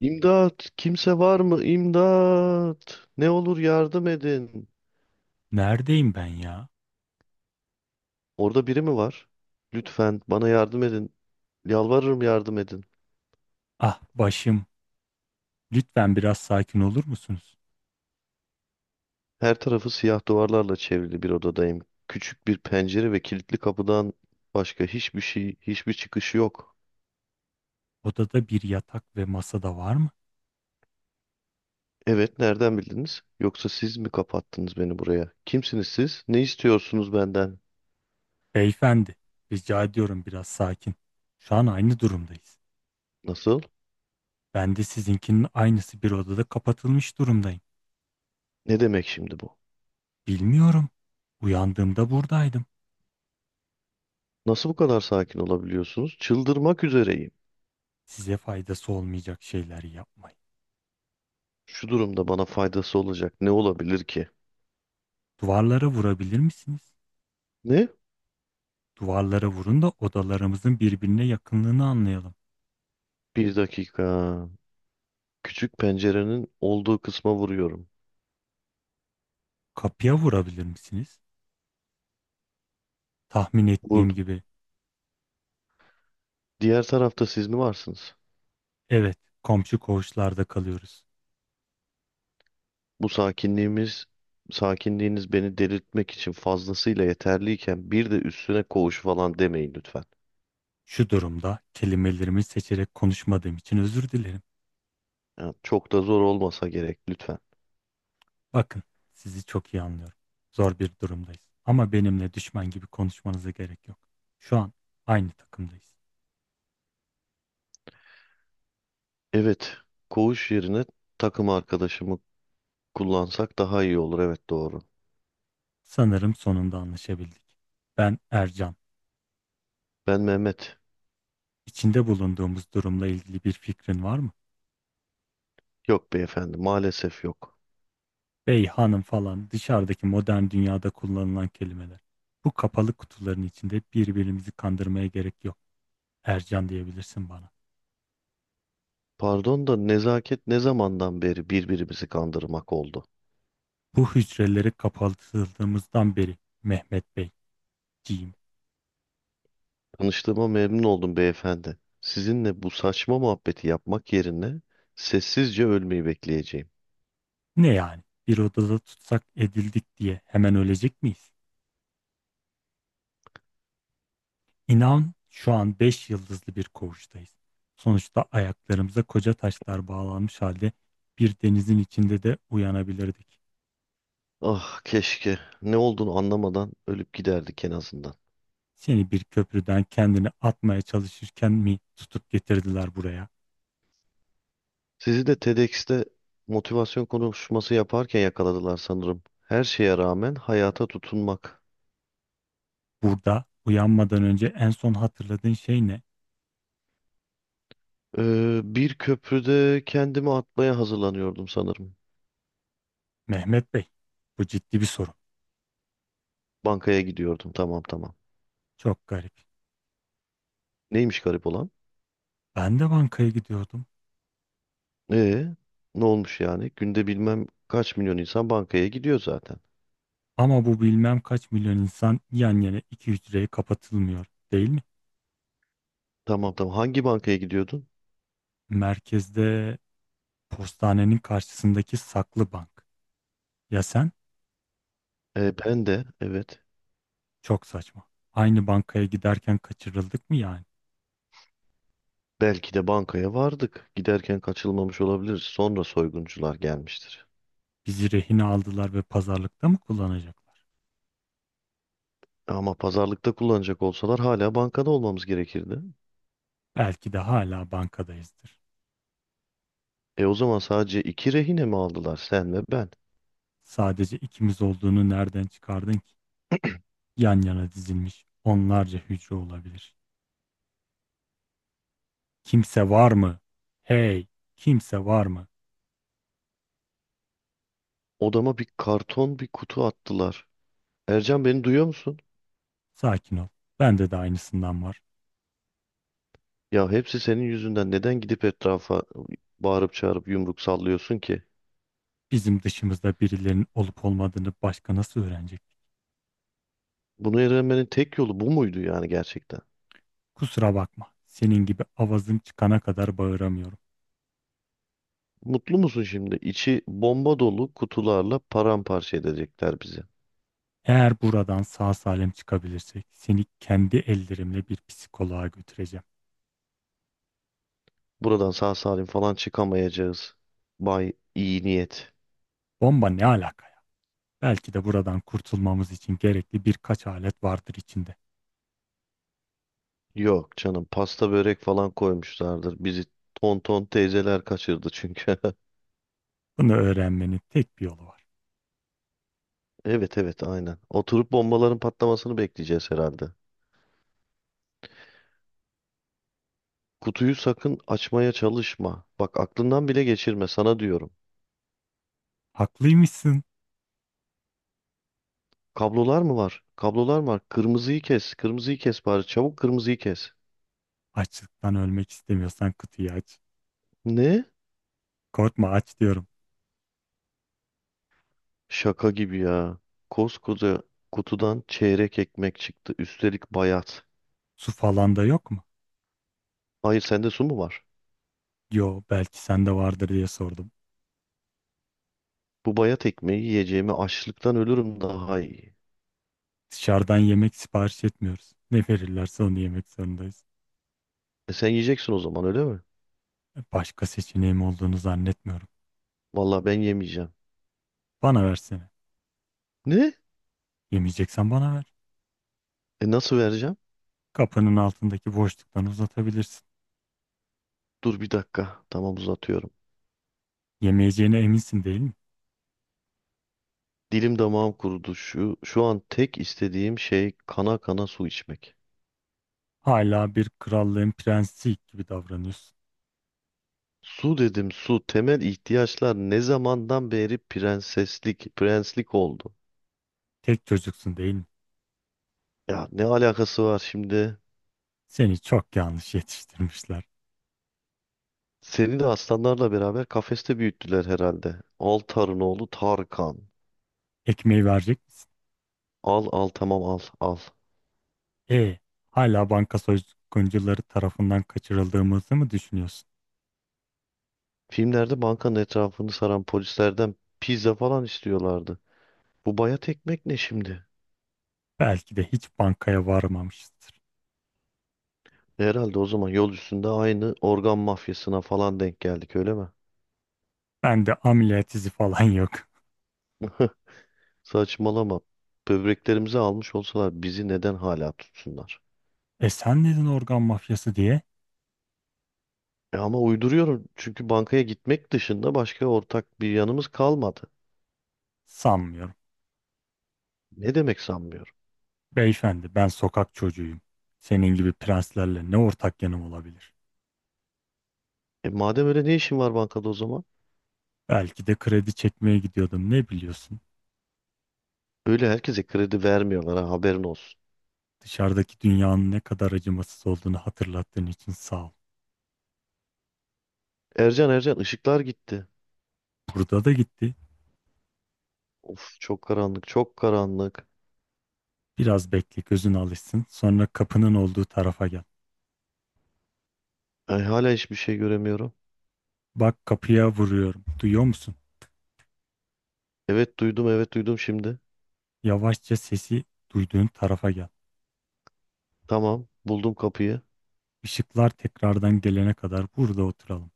İmdat! Kimse var mı? İmdat! Ne olur yardım edin. Neredeyim ben ya? Orada biri mi var? Lütfen bana yardım edin. Yalvarırım yardım edin. Ah başım. Lütfen biraz sakin olur musunuz? Her tarafı siyah duvarlarla çevrili bir odadayım. Küçük bir pencere ve kilitli kapıdan başka hiçbir şey, hiçbir çıkış yok. Odada bir yatak ve masada var mı? Evet, nereden bildiniz? Yoksa siz mi kapattınız beni buraya? Kimsiniz siz? Ne istiyorsunuz benden? Beyefendi, rica ediyorum biraz sakin. Şu an aynı durumdayız. Nasıl? Ben de sizinkinin aynısı bir odada kapatılmış durumdayım. Ne demek şimdi bu? Bilmiyorum. Uyandığımda buradaydım. Nasıl bu kadar sakin olabiliyorsunuz? Çıldırmak üzereyim. Size faydası olmayacak şeyler yapmayın. Şu durumda bana faydası olacak ne olabilir ki? Duvarlara vurabilir misiniz? Ne? Duvarlara vurun da odalarımızın birbirine yakınlığını anlayalım. Bir dakika. Küçük pencerenin olduğu kısma vuruyorum. Kapıya vurabilir misiniz? Tahmin ettiğim Vurdum. gibi. Diğer tarafta siz mi varsınız? Evet, komşu koğuşlarda kalıyoruz. Bu sakinliğimiz, sakinliğiniz beni delirtmek için fazlasıyla yeterliyken bir de üstüne koğuş falan demeyin lütfen. Şu durumda kelimelerimi seçerek konuşmadığım için özür dilerim. Ya, çok da zor olmasa gerek lütfen. Bakın, sizi çok iyi anlıyorum. Zor bir durumdayız. Ama benimle düşman gibi konuşmanıza gerek yok. Şu an aynı takımdayız. Evet, koğuş yerine takım arkadaşımı kullansak daha iyi olur. Evet doğru. Sanırım sonunda anlaşabildik. Ben Ercan. Ben Mehmet. İçinde bulunduğumuz durumla ilgili bir fikrin var mı? Yok beyefendi, maalesef yok. Bey, hanım falan dışarıdaki modern dünyada kullanılan kelimeler. Bu kapalı kutuların içinde birbirimizi kandırmaya gerek yok. Ercan diyebilirsin bana. Pardon da nezaket ne zamandan beri birbirimizi kandırmak oldu? Bu hücreleri kapatıldığımızdan beri Mehmet Beyciğim. Tanıştığıma memnun oldum beyefendi. Sizinle bu saçma muhabbeti yapmak yerine sessizce ölmeyi bekleyeceğim. Ne yani? Bir odada tutsak edildik diye hemen ölecek miyiz? İnan şu an 5 yıldızlı bir koğuştayız. Sonuçta ayaklarımıza koca taşlar bağlanmış halde bir denizin içinde de uyanabilirdik. Ah keşke ne olduğunu anlamadan ölüp giderdik en azından. Seni bir köprüden kendini atmaya çalışırken mi tutup getirdiler buraya? Sizi de TEDx'te motivasyon konuşması yaparken yakaladılar sanırım. Her şeye rağmen hayata tutunmak. Burada uyanmadan önce en son hatırladığın şey ne? Bir köprüde kendimi atmaya hazırlanıyordum sanırım. Mehmet Bey, bu ciddi bir sorun. Bankaya gidiyordum, tamam tamam. Çok garip. Neymiş garip olan? Ben de bankaya gidiyordum. E, ne olmuş yani? Günde bilmem kaç milyon insan bankaya gidiyor zaten. Ama bu bilmem kaç milyon insan yan yana iki hücreye kapatılmıyor, değil mi? Tamam tamam. Hangi bankaya gidiyordun? Merkezde postanenin karşısındaki saklı bank. Ya sen? Ben de, evet. Çok saçma. Aynı bankaya giderken kaçırıldık mı yani? Belki de bankaya vardık. Giderken kaçılmamış olabiliriz. Sonra soyguncular gelmiştir. Bizi rehine aldılar ve pazarlıkta mı kullanacaklar? Ama pazarlıkta kullanacak olsalar hala bankada olmamız gerekirdi. Belki de hala bankadayızdır. E, o zaman sadece iki rehine mi aldılar, sen ve ben? Sadece ikimiz olduğunu nereden çıkardın ki? Yan yana dizilmiş onlarca hücre olabilir. Kimse var mı? Hey, kimse var mı? Odama bir karton bir kutu attılar. Ercan, beni duyuyor musun? Sakin ol. Bende de aynısından var. Ya hepsi senin yüzünden, neden gidip etrafa bağırıp çağırıp yumruk sallıyorsun ki? Bizim dışımızda birilerinin olup olmadığını başka nasıl öğrenecek? Bunu öğrenmenin tek yolu bu muydu yani, gerçekten? Kusura bakma. Senin gibi avazım çıkana kadar bağıramıyorum. Mutlu musun şimdi? İçi bomba dolu kutularla paramparça edecekler bizi. Eğer buradan sağ salim çıkabilirsek seni kendi ellerimle bir psikoloğa götüreceğim. Buradan sağ salim falan çıkamayacağız, Bay iyi niyet. Bomba ne alaka ya? Belki de buradan kurtulmamız için gerekli birkaç alet vardır içinde. Yok canım, pasta börek falan koymuşlardır. Bizi tonton teyzeler kaçırdı çünkü. Bunu öğrenmenin tek bir yolu var. Evet evet, aynen. Oturup bombaların patlamasını bekleyeceğiz herhalde. Kutuyu sakın açmaya çalışma. Bak, aklından bile geçirme, sana diyorum. Haklıymışsın. Kablolar mı var? Kablolar mı var? Kırmızıyı kes. Kırmızıyı kes bari. Çabuk kırmızıyı kes. Açlıktan ölmek istemiyorsan kutuyu aç. Ne? Korkma, aç diyorum. Şaka gibi ya. Koskoca kutudan çeyrek ekmek çıktı. Üstelik bayat. Su falan da yok mu? Hayır, sende su mu var? Yo, belki sende vardır diye sordum. Bu bayat ekmeği yiyeceğimi açlıktan ölürüm daha iyi. Dışarıdan yemek sipariş etmiyoruz. Ne verirlerse onu yemek zorundayız. E sen yiyeceksin o zaman, öyle mi? Başka seçeneğim olduğunu zannetmiyorum. Vallahi ben yemeyeceğim. Bana versene. Ne? Yemeyeceksen bana ver. E nasıl vereceğim? Kapının altındaki boşluktan uzatabilirsin. Dur bir dakika. Tamam, uzatıyorum. Yemeyeceğine eminsin değil mi? Dilim damağım kurudu. Şu an tek istediğim şey kana kana su içmek. Hala bir krallığın prensi gibi davranıyorsun. Su dedim, su. Temel ihtiyaçlar ne zamandan beri prenseslik prenslik oldu? Tek çocuksun değil mi? Ya ne alakası var şimdi? Seni çok yanlış yetiştirmişler. Seni de aslanlarla beraber kafeste büyüttüler herhalde. Al, Tarınoğlu Tarkan. Ekmeği verecek misin? Al al, tamam, al al. E, hala banka soyguncuları tarafından kaçırıldığımızı mı düşünüyorsun? Filmlerde bankanın etrafını saran polislerden pizza falan istiyorlardı. Bu bayat ekmek ne şimdi? Belki de hiç bankaya varmamışızdır. Herhalde o zaman yol üstünde aynı organ mafyasına falan denk geldik, öyle mi? Ben de ameliyat izi falan yok. Saçmalama. Böbreklerimizi almış olsalar bizi neden hala tutsunlar? E sen dedin organ mafyası diye E ama uyduruyorum, çünkü bankaya gitmek dışında başka ortak bir yanımız kalmadı. sanmıyorum. Ne demek sanmıyorum? Beyefendi ben sokak çocuğuyum. Senin gibi prenslerle ne ortak yanım olabilir? E madem öyle, ne işin var bankada o zaman? Belki de kredi çekmeye gidiyordum, ne biliyorsun? Öyle herkese kredi vermiyorlar ha, haberin olsun. Dışarıdaki dünyanın ne kadar acımasız olduğunu hatırlattığın için sağ ol. Ercan, Ercan, ışıklar gitti. Burada da gitti. Of, çok karanlık, çok karanlık. Biraz bekle, gözün alışsın. Sonra kapının olduğu tarafa gel. Ay, hala hiçbir şey göremiyorum. Bak, kapıya vuruyorum. Duyuyor musun? Evet duydum, evet duydum şimdi. Yavaşça sesi duyduğun tarafa gel. Tamam, buldum kapıyı. Işıklar tekrardan gelene kadar burada oturalım.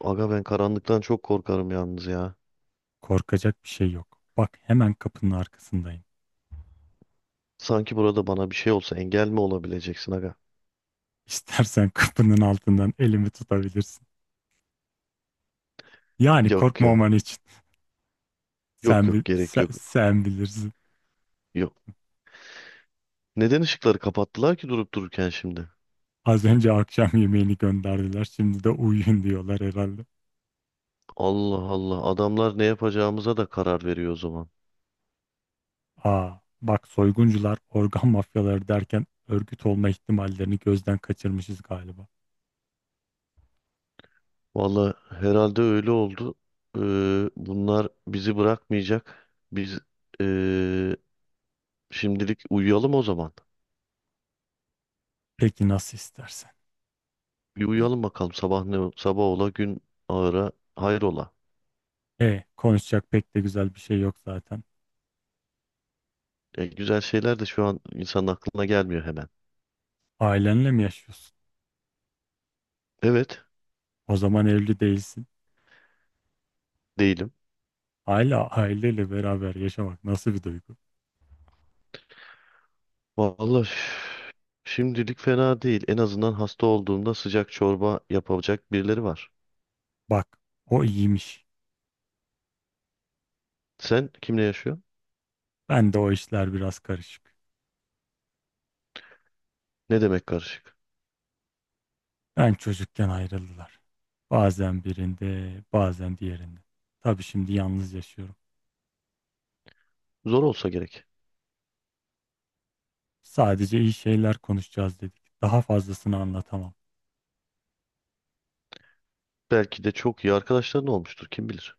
Aga, ben karanlıktan çok korkarım yalnız ya. Korkacak bir şey yok. Bak, hemen kapının arkasındayım. Sanki burada bana bir şey olsa engel mi olabileceksin aga? İstersen kapının altından elimi tutabilirsin. Yani Yok ya. korkmaman için. Yok Sen, bil- yok, gerek sen, yok. sen bilirsin. Yok. Neden ışıkları kapattılar ki durup dururken şimdi? Az önce akşam yemeğini gönderdiler. Şimdi de uyuyun diyorlar herhalde. Allah Allah, adamlar ne yapacağımıza da karar veriyor o zaman. Aa, bak, soyguncular organ mafyaları derken örgüt olma ihtimallerini gözden kaçırmışız galiba. Valla herhalde öyle oldu. Ee, Bunlar bizi bırakmayacak. Biz ee, şimdilik uyuyalım o zaman. Peki, nasıl istersen. Bir uyuyalım bakalım, sabah ne sabah ola, gün ağıra hayrola. Konuşacak pek de güzel bir şey yok zaten. E, güzel şeyler de şu an insanın aklına gelmiyor hemen. Ailenle mi yaşıyorsun? Evet, O zaman evli değilsin. değilim. Hala aileyle beraber yaşamak nasıl bir duygu? Vallahi Valla şimdilik fena değil. En azından hasta olduğumda sıcak çorba yapacak birileri var. Bak, o iyiymiş. Sen kimle yaşıyorsun? Ben de o işler biraz karışık. Ne demek karışık? Ben çocukken ayrıldılar. Bazen birinde, bazen diğerinde. Tabii şimdi yalnız yaşıyorum. Zor olsa gerek. Sadece iyi şeyler konuşacağız dedik. Daha fazlasını anlatamam. Belki de çok iyi arkadaşların olmuştur. Kim bilir?